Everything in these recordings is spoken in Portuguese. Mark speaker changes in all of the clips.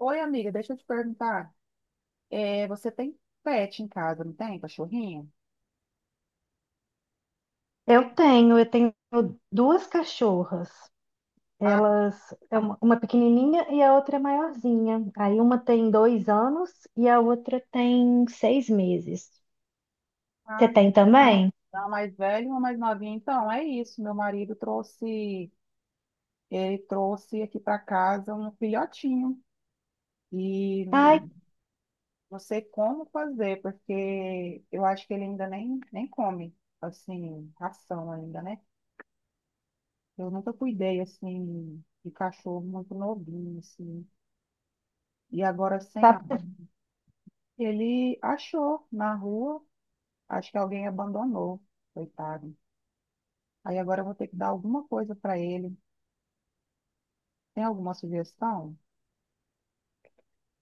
Speaker 1: Oi, amiga, deixa eu te perguntar. É, você tem pet em casa, não tem? Cachorrinho?
Speaker 2: Eu tenho duas cachorras.
Speaker 1: Ah,
Speaker 2: Elas, é uma pequenininha e a outra é maiorzinha. Aí uma tem 2 anos e a outra tem 6 meses. Você
Speaker 1: tá.
Speaker 2: tem também?
Speaker 1: A mais velha e uma mais novinha. Então, é isso. Meu marido trouxe, ele trouxe aqui para casa um filhotinho. E não,
Speaker 2: Ai,
Speaker 1: não sei como fazer, porque eu acho que ele ainda nem come, assim, ração ainda, né? Eu nunca cuidei, assim, de cachorro muito novinho, assim. E agora, sem
Speaker 2: tá.
Speaker 1: a... Ele achou na rua. Acho que alguém abandonou, coitado. Aí agora eu vou ter que dar alguma coisa para ele. Tem alguma sugestão?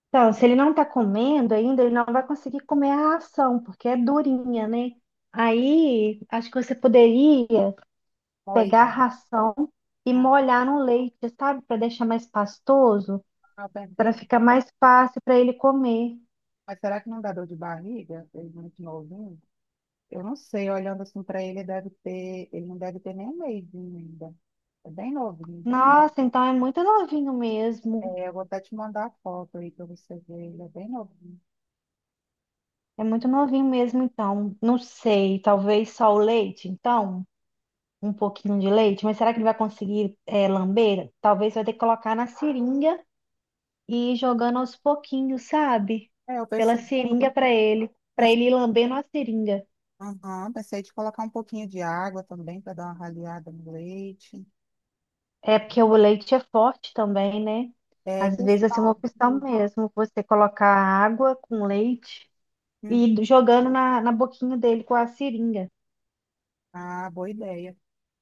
Speaker 2: Então, se ele não tá comendo ainda, ele não vai conseguir comer a ração, porque é durinha, né? Aí, acho que você poderia pegar a
Speaker 1: Olha,
Speaker 2: ração e
Speaker 1: ah,
Speaker 2: molhar no leite, sabe? Para deixar mais pastoso,
Speaker 1: eu
Speaker 2: para
Speaker 1: pensei,
Speaker 2: ficar mais fácil para ele comer.
Speaker 1: mas será que não dá dor de barriga? Ele é muito novinho. Eu não sei, olhando assim para ele, deve ter, ele não deve ter nem um mêsinho ainda. É bem novinho.
Speaker 2: Nossa, então é muito novinho mesmo.
Speaker 1: É, eu vou até te mandar a foto aí para você ver, ele é bem novinho.
Speaker 2: É muito novinho mesmo, então. Não sei, talvez só o leite, então. Um pouquinho de leite, mas será que ele vai conseguir é, lamber? Talvez vai ter que colocar na seringa e ir jogando aos pouquinhos, sabe?
Speaker 1: É, eu
Speaker 2: Pela seringa para
Speaker 1: pensei,
Speaker 2: ele ir lambendo a seringa.
Speaker 1: aham, pensei de colocar um pouquinho de água também para dar uma raleada no leite.
Speaker 2: É porque o leite é forte também, né?
Speaker 1: É
Speaker 2: Às vezes assim, é
Speaker 1: questão
Speaker 2: uma opção
Speaker 1: de...
Speaker 2: mesmo, você colocar água com leite
Speaker 1: Hum.
Speaker 2: e ir jogando na, na boquinha dele com a seringa.
Speaker 1: Ah, boa ideia.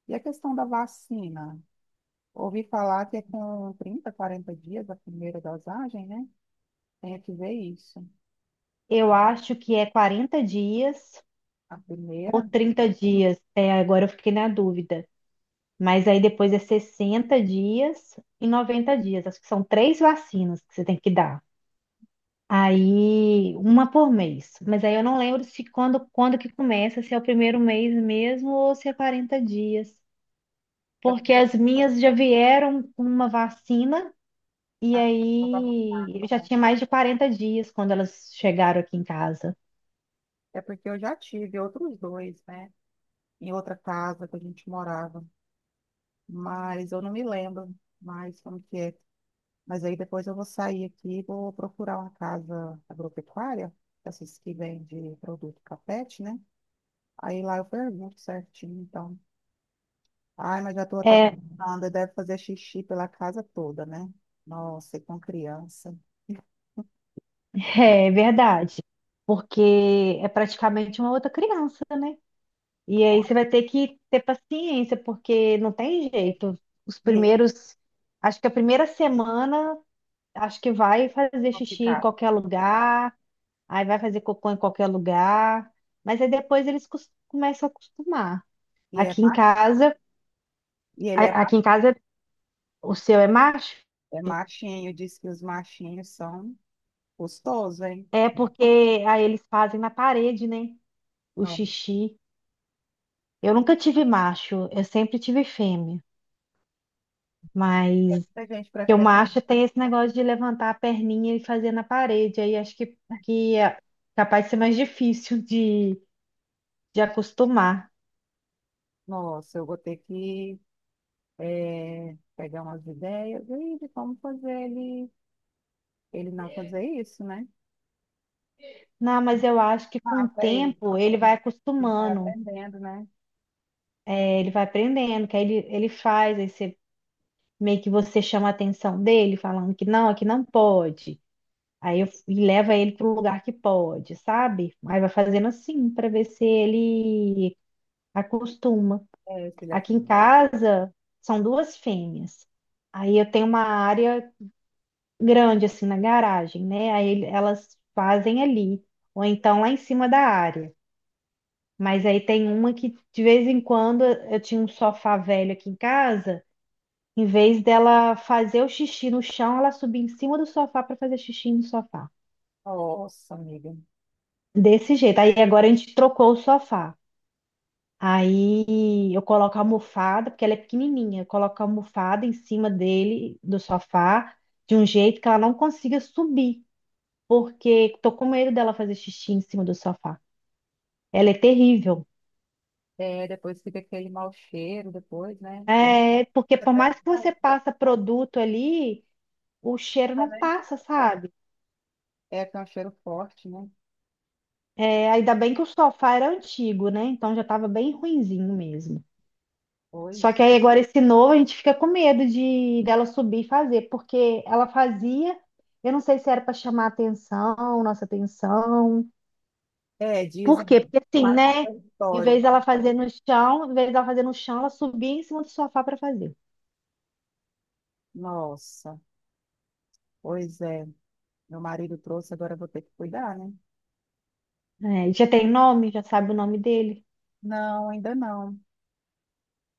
Speaker 1: E a questão da vacina? Ouvi falar que é com 30, 40 dias a primeira dosagem, né? Tem que ver isso.
Speaker 2: Eu acho que é 40 dias
Speaker 1: A primeira
Speaker 2: ou 30 dias. É, agora eu fiquei na dúvida. Mas aí depois é 60 dias e 90 dias. Acho que são três vacinas que você tem que dar. Aí, uma por mês. Mas aí eu não lembro se quando que começa, se é o primeiro mês mesmo ou se é 40 dias.
Speaker 1: é
Speaker 2: Porque as
Speaker 1: porque,
Speaker 2: minhas já vieram com uma vacina e
Speaker 1: ah, não gosto de nada,
Speaker 2: aí eu já
Speaker 1: tá?
Speaker 2: tinha mais de 40 dias quando elas chegaram aqui em casa.
Speaker 1: É porque eu já tive outros dois, né? Em outra casa que a gente morava. Mas eu não me lembro mais como que é. Mas aí depois eu vou sair aqui e vou procurar uma casa agropecuária, essas que vendem produto capete, né? Aí lá eu pergunto certinho, então. Ai, mas já tô até
Speaker 2: É,
Speaker 1: pensando, deve fazer xixi pela casa toda, né? Nossa, e com criança.
Speaker 2: é verdade, porque é praticamente uma outra criança, né? E aí você vai ter que ter paciência, porque não tem jeito. Os
Speaker 1: E aí,
Speaker 2: primeiros, acho que a primeira semana, acho que vai fazer
Speaker 1: vão
Speaker 2: xixi em
Speaker 1: ficar.
Speaker 2: qualquer lugar, aí vai fazer cocô em qualquer lugar, mas aí depois eles começam a acostumar.
Speaker 1: E é
Speaker 2: Aqui em
Speaker 1: macho,
Speaker 2: casa,
Speaker 1: e ele é,
Speaker 2: aqui
Speaker 1: macho-
Speaker 2: em casa o seu é macho,
Speaker 1: é machinho, diz que os machinhos são gostosos, hein?
Speaker 2: é porque aí eles fazem na parede, né? O
Speaker 1: Não,
Speaker 2: xixi. Eu nunca tive macho, eu sempre tive fêmea, mas
Speaker 1: muita gente
Speaker 2: porque o
Speaker 1: prefere.
Speaker 2: macho tem esse negócio de levantar a perninha e fazer na parede, aí acho que é capaz de ser mais difícil de acostumar.
Speaker 1: Nossa, eu vou ter que pegar umas ideias aí de como fazer ele, ele não fazer isso, né?
Speaker 2: Não, mas eu acho que com o
Speaker 1: Ah, vai,
Speaker 2: tempo ele vai
Speaker 1: vai
Speaker 2: acostumando,
Speaker 1: aprendendo, né?
Speaker 2: é, ele vai aprendendo, que aí ele faz, aí você, meio que você chama a atenção dele, falando que não, aqui não pode. Aí eu, e leva ele para o lugar que pode, sabe? Aí vai fazendo assim para ver se ele acostuma.
Speaker 1: É, filha,
Speaker 2: Aqui em
Speaker 1: assim.
Speaker 2: casa são duas fêmeas. Aí eu tenho uma área grande assim na garagem, né? Aí elas fazem ali, ou então lá em cima da área. Mas aí tem uma que de vez em quando eu tinha um sofá velho aqui em casa, em vez dela fazer o xixi no chão, ela subia em cima do sofá para fazer xixi no sofá.
Speaker 1: Nossa, amiga.
Speaker 2: Desse jeito. Aí agora a gente trocou o sofá. Aí eu coloco a almofada, porque ela é pequenininha, eu coloco a almofada em cima dele, do sofá, de um jeito que ela não consiga subir, porque tô com medo dela fazer xixi em cima do sofá. Ela é terrível.
Speaker 1: É, depois fica aquele mau cheiro depois, né?
Speaker 2: É, porque por mais que
Speaker 1: Aí,
Speaker 2: você passa produto ali, o cheiro
Speaker 1: tá,
Speaker 2: não
Speaker 1: né?
Speaker 2: passa, sabe?
Speaker 1: É que é um cheiro forte, né?
Speaker 2: É, ainda bem que o sofá era antigo, né? Então já estava bem ruinzinho mesmo. Só
Speaker 1: Pois.
Speaker 2: que aí agora esse novo a gente fica com medo de dela subir e fazer, porque ela fazia, eu não sei se era para chamar atenção, nossa atenção.
Speaker 1: É,
Speaker 2: Por
Speaker 1: dizem
Speaker 2: quê?
Speaker 1: que
Speaker 2: Porque assim,
Speaker 1: marca o
Speaker 2: né? Em
Speaker 1: território,
Speaker 2: vez dela
Speaker 1: né?
Speaker 2: fazer no chão, em vez dela fazer no chão, ela subia em cima do sofá para fazer.
Speaker 1: Nossa, pois é. Meu marido trouxe, agora eu vou ter que cuidar, né?
Speaker 2: É, já tem nome, já sabe o nome dele.
Speaker 1: Não, ainda não.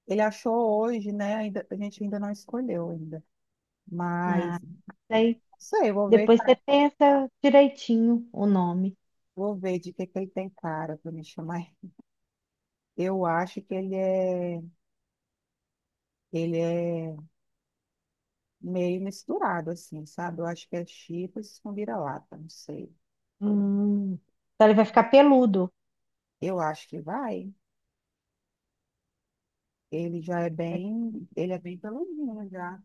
Speaker 1: Ele achou hoje, né? Ainda, a gente ainda não escolheu ainda. Mas, não
Speaker 2: Aí
Speaker 1: sei, eu
Speaker 2: depois você pensa direitinho o nome.
Speaker 1: vou ver de que ele tem cara para me chamar. Eu acho que ele é meio misturado, assim, sabe? Eu acho que é chips com vira-lata, não sei.
Speaker 2: Hum, Então ele vai ficar peludo,
Speaker 1: Eu acho que vai. Ele já é bem, ele é bem peludinho já,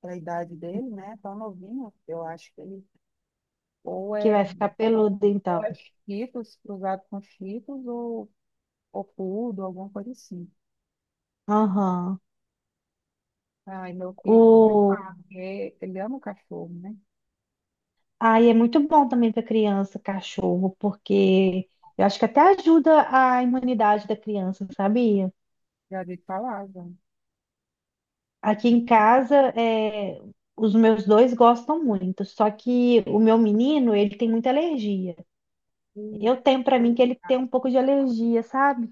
Speaker 1: para a idade dele, né? Tão novinho, eu acho que ele ou
Speaker 2: que
Speaker 1: é,
Speaker 2: vai ficar peludo
Speaker 1: ou
Speaker 2: então.
Speaker 1: é Cheetos cruzado com Cheetos ou poodle, alguma coisa assim.
Speaker 2: Aham.
Speaker 1: Ai, meu filho, ah, porque ele ama o cachorro, né?
Speaker 2: Ah, e é muito bom também para criança, cachorro, porque eu acho que até ajuda a imunidade da criança, sabia?
Speaker 1: Já vi falar, já.
Speaker 2: Aqui em casa, é, os meus dois gostam muito, só que o meu menino, ele tem muita alergia.
Speaker 1: Ih,
Speaker 2: Eu tenho para mim que ele tem
Speaker 1: cara,
Speaker 2: um pouco de alergia, sabe?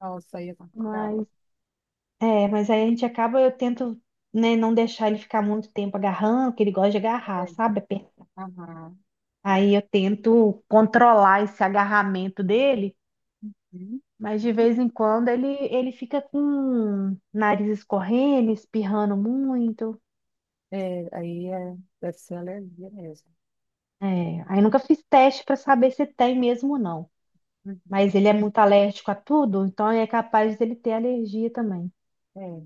Speaker 1: nossa, aí é complicado.
Speaker 2: Mas, é, mas aí a gente acaba, eu tento, né, não deixar ele ficar muito tempo agarrando, que ele gosta de
Speaker 1: É,
Speaker 2: agarrar, sabe?
Speaker 1: aham.
Speaker 2: Aí eu tento controlar esse agarramento dele.
Speaker 1: Hum.
Speaker 2: Mas de vez em quando ele fica com o nariz escorrendo, espirrando muito.
Speaker 1: É, aí é, deve ser alergia mesmo.
Speaker 2: É, aí nunca fiz teste para saber se tem mesmo ou não.
Speaker 1: Uhum.
Speaker 2: Mas ele é muito alérgico a tudo, então é capaz dele ter alergia também.
Speaker 1: É,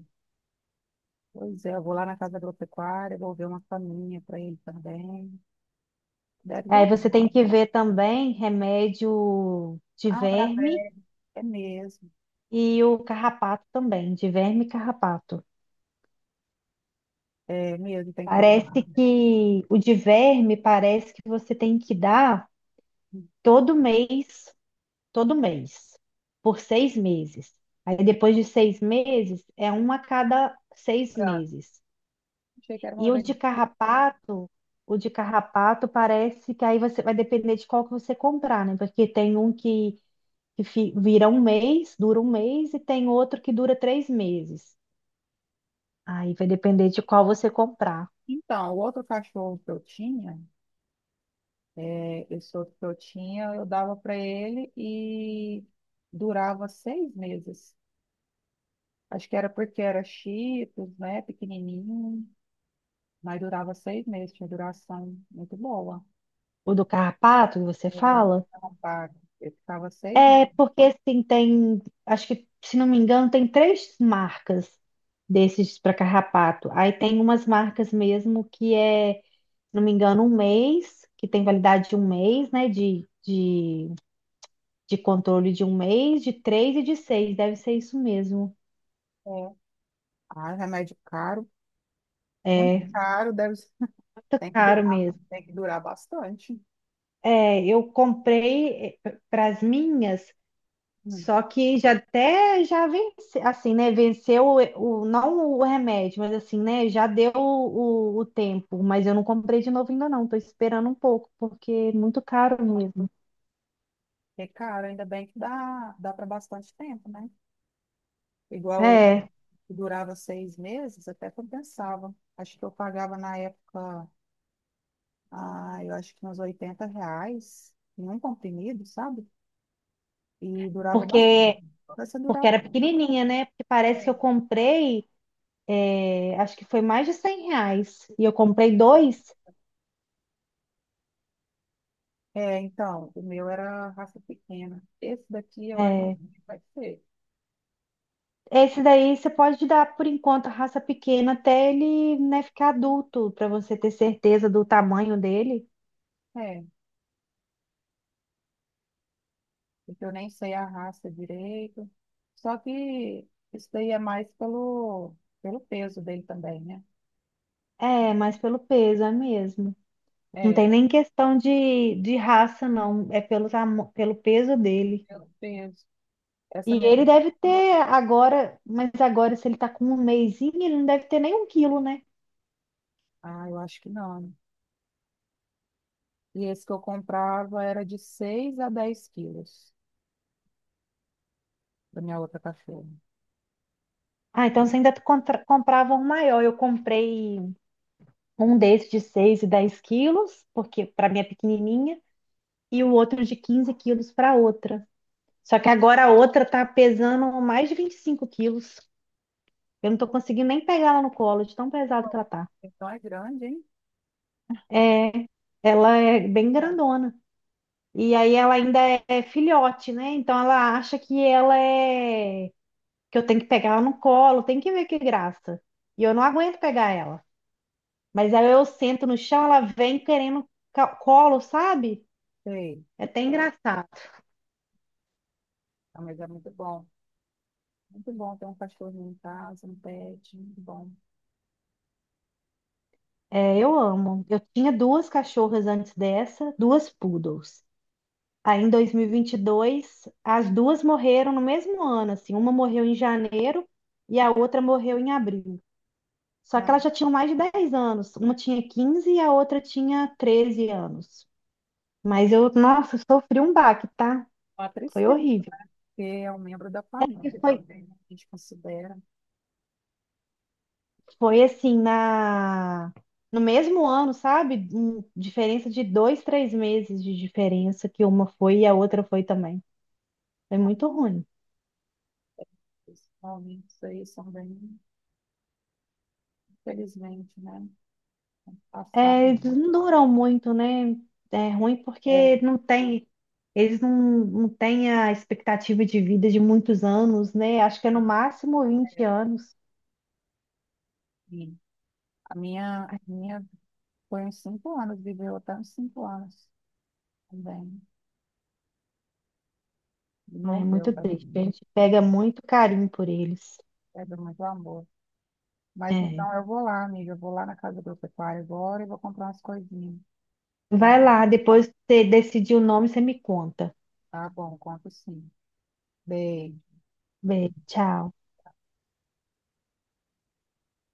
Speaker 1: pois é, eu vou lá na casa agropecuária, vou ver uma faminha para ele também. Deve
Speaker 2: Aí
Speaker 1: dar.
Speaker 2: você tem que ver também remédio de
Speaker 1: Ah, pra.
Speaker 2: verme
Speaker 1: É mesmo,
Speaker 2: e o carrapato também, de verme e carrapato.
Speaker 1: é mesmo, tem que
Speaker 2: Parece
Speaker 1: comprar.
Speaker 2: que o de verme parece que você tem que dar todo mês todo mês, por 6 meses. Aí depois de 6 meses, é um a cada seis
Speaker 1: Pra-
Speaker 2: meses.
Speaker 1: achei que era
Speaker 2: E
Speaker 1: uma vez.
Speaker 2: o de carrapato parece que aí você vai depender de qual que você comprar, né? Porque tem um que vira um mês, dura um mês, e tem outro que dura 3 meses. Aí vai depender de qual você comprar.
Speaker 1: Então, o outro cachorro que eu tinha, é, esse outro que eu tinha, eu dava para ele e durava 6 meses. Acho que era porque era chitos, né, pequenininho, mas durava 6 meses, tinha duração muito boa.
Speaker 2: O do carrapato, que você
Speaker 1: Eu-
Speaker 2: fala?
Speaker 1: ela paga. Eu ficava seis
Speaker 2: É
Speaker 1: meses.
Speaker 2: porque assim tem, acho que se não me engano, tem três marcas desses para carrapato. Aí tem umas marcas mesmo que é, se não me engano, um mês, que tem validade de um mês, né? De, de controle de um mês, de três e de seis. Deve ser isso mesmo.
Speaker 1: É, ah, remédio caro, muito
Speaker 2: É,
Speaker 1: caro, deve ser.
Speaker 2: muito
Speaker 1: Tem que
Speaker 2: caro
Speaker 1: durar,
Speaker 2: mesmo.
Speaker 1: tem que durar bastante.
Speaker 2: É, eu comprei para as minhas.
Speaker 1: Hum.
Speaker 2: Só que já até já vence, assim, né? Venceu não o remédio, mas assim, né? Já deu o, o tempo, mas eu não comprei de novo ainda não. Tô esperando um pouco, porque é muito caro mesmo.
Speaker 1: É caro, ainda bem que dá, dá para bastante tempo, né? Igual ele,
Speaker 2: É,
Speaker 1: que durava 6 meses, até compensava. Acho que eu pagava na época, ah, eu acho que uns R$ 80 em um comprimido, sabe? E durava bastante.
Speaker 2: porque
Speaker 1: Essa
Speaker 2: porque
Speaker 1: durava.
Speaker 2: era pequenininha, né? Porque parece que eu comprei, é, acho que foi mais de R$ 100 e eu comprei dois.
Speaker 1: É, então, o meu era raça pequena. Esse daqui eu acho
Speaker 2: É,
Speaker 1: que vai ser.
Speaker 2: esse daí você pode dar por enquanto a raça pequena até ele, né, ficar adulto, para você ter certeza do tamanho dele.
Speaker 1: É, porque eu nem sei a raça direito. Só que isso daí é mais pelo, pelo peso dele também, né?
Speaker 2: É, mas pelo peso, é mesmo. Não
Speaker 1: É,
Speaker 2: tem nem questão de raça, não. É pelo, pelo peso dele.
Speaker 1: pelo peso. Essa
Speaker 2: E
Speaker 1: me...
Speaker 2: ele deve ter agora, mas agora, se ele tá com um mesinho, ele não deve ter nem um quilo, né?
Speaker 1: Ah, eu acho que não, né? E esse que eu comprava era de 6 a 10 quilos da minha outra cachorra.
Speaker 2: Ah, então você ainda comprava um maior. Eu comprei um desse de 6 e 10 quilos, porque para minha pequenininha, e o outro de 15 quilos para outra. Só que agora a outra tá pesando mais de 25 quilos. Eu não tô conseguindo nem pegar ela no colo, de tão pesado que ela tá.
Speaker 1: Então é grande, hein?
Speaker 2: É, ela é bem
Speaker 1: Tá.
Speaker 2: grandona. E aí ela ainda é filhote, né? Então ela acha que ela é que eu tenho que pegar ela no colo, tem que ver que graça. E eu não aguento pegar ela. Mas aí eu sento no chão, ela vem querendo colo, sabe?
Speaker 1: Sei,
Speaker 2: É até engraçado.
Speaker 1: ah, mas é muito bom. Muito bom ter um cachorrinho em casa, um pet, muito bom.
Speaker 2: É, eu amo. Eu tinha duas cachorras antes dessa, duas poodles. Aí em 2022, as duas morreram no mesmo ano, assim, uma morreu em janeiro e a outra morreu em abril. Só
Speaker 1: Ah,
Speaker 2: que elas já tinham mais de 10 anos. Uma tinha 15 e a outra tinha 13 anos.
Speaker 1: então,
Speaker 2: Mas eu, nossa, sofri um baque, tá?
Speaker 1: uma
Speaker 2: Foi
Speaker 1: tristeza,
Speaker 2: horrível.
Speaker 1: porque é um membro da
Speaker 2: E
Speaker 1: família
Speaker 2: Foi,
Speaker 1: também, né? A gente considera.
Speaker 2: foi assim, na, no mesmo ano, sabe? Diferença de dois, três meses de diferença que uma foi e a outra foi também. Foi muito ruim.
Speaker 1: Os momentos aí são bem felizmente, né? Passar.
Speaker 2: É, eles não duram muito, né? É ruim
Speaker 1: É,
Speaker 2: porque não tem, eles não, não têm a expectativa de vida de muitos anos, né? Acho que é no máximo vinte
Speaker 1: é,
Speaker 2: anos.
Speaker 1: e a minha, minha foi uns 5 anos, viveu até uns 5 anos também. E
Speaker 2: Ai, é
Speaker 1: morreu,
Speaker 2: muito
Speaker 1: tá?
Speaker 2: triste. A gente pega muito carinho por eles.
Speaker 1: Perdeu muito amor. Mas
Speaker 2: É.
Speaker 1: então eu vou lá, amiga, eu vou lá na casa do pecuário agora e vou comprar umas coisinhas. Tá,
Speaker 2: Vai lá, depois que você decidir o nome, você me conta.
Speaker 1: tá bom, conto sim. Beijo.
Speaker 2: Beijo, tchau.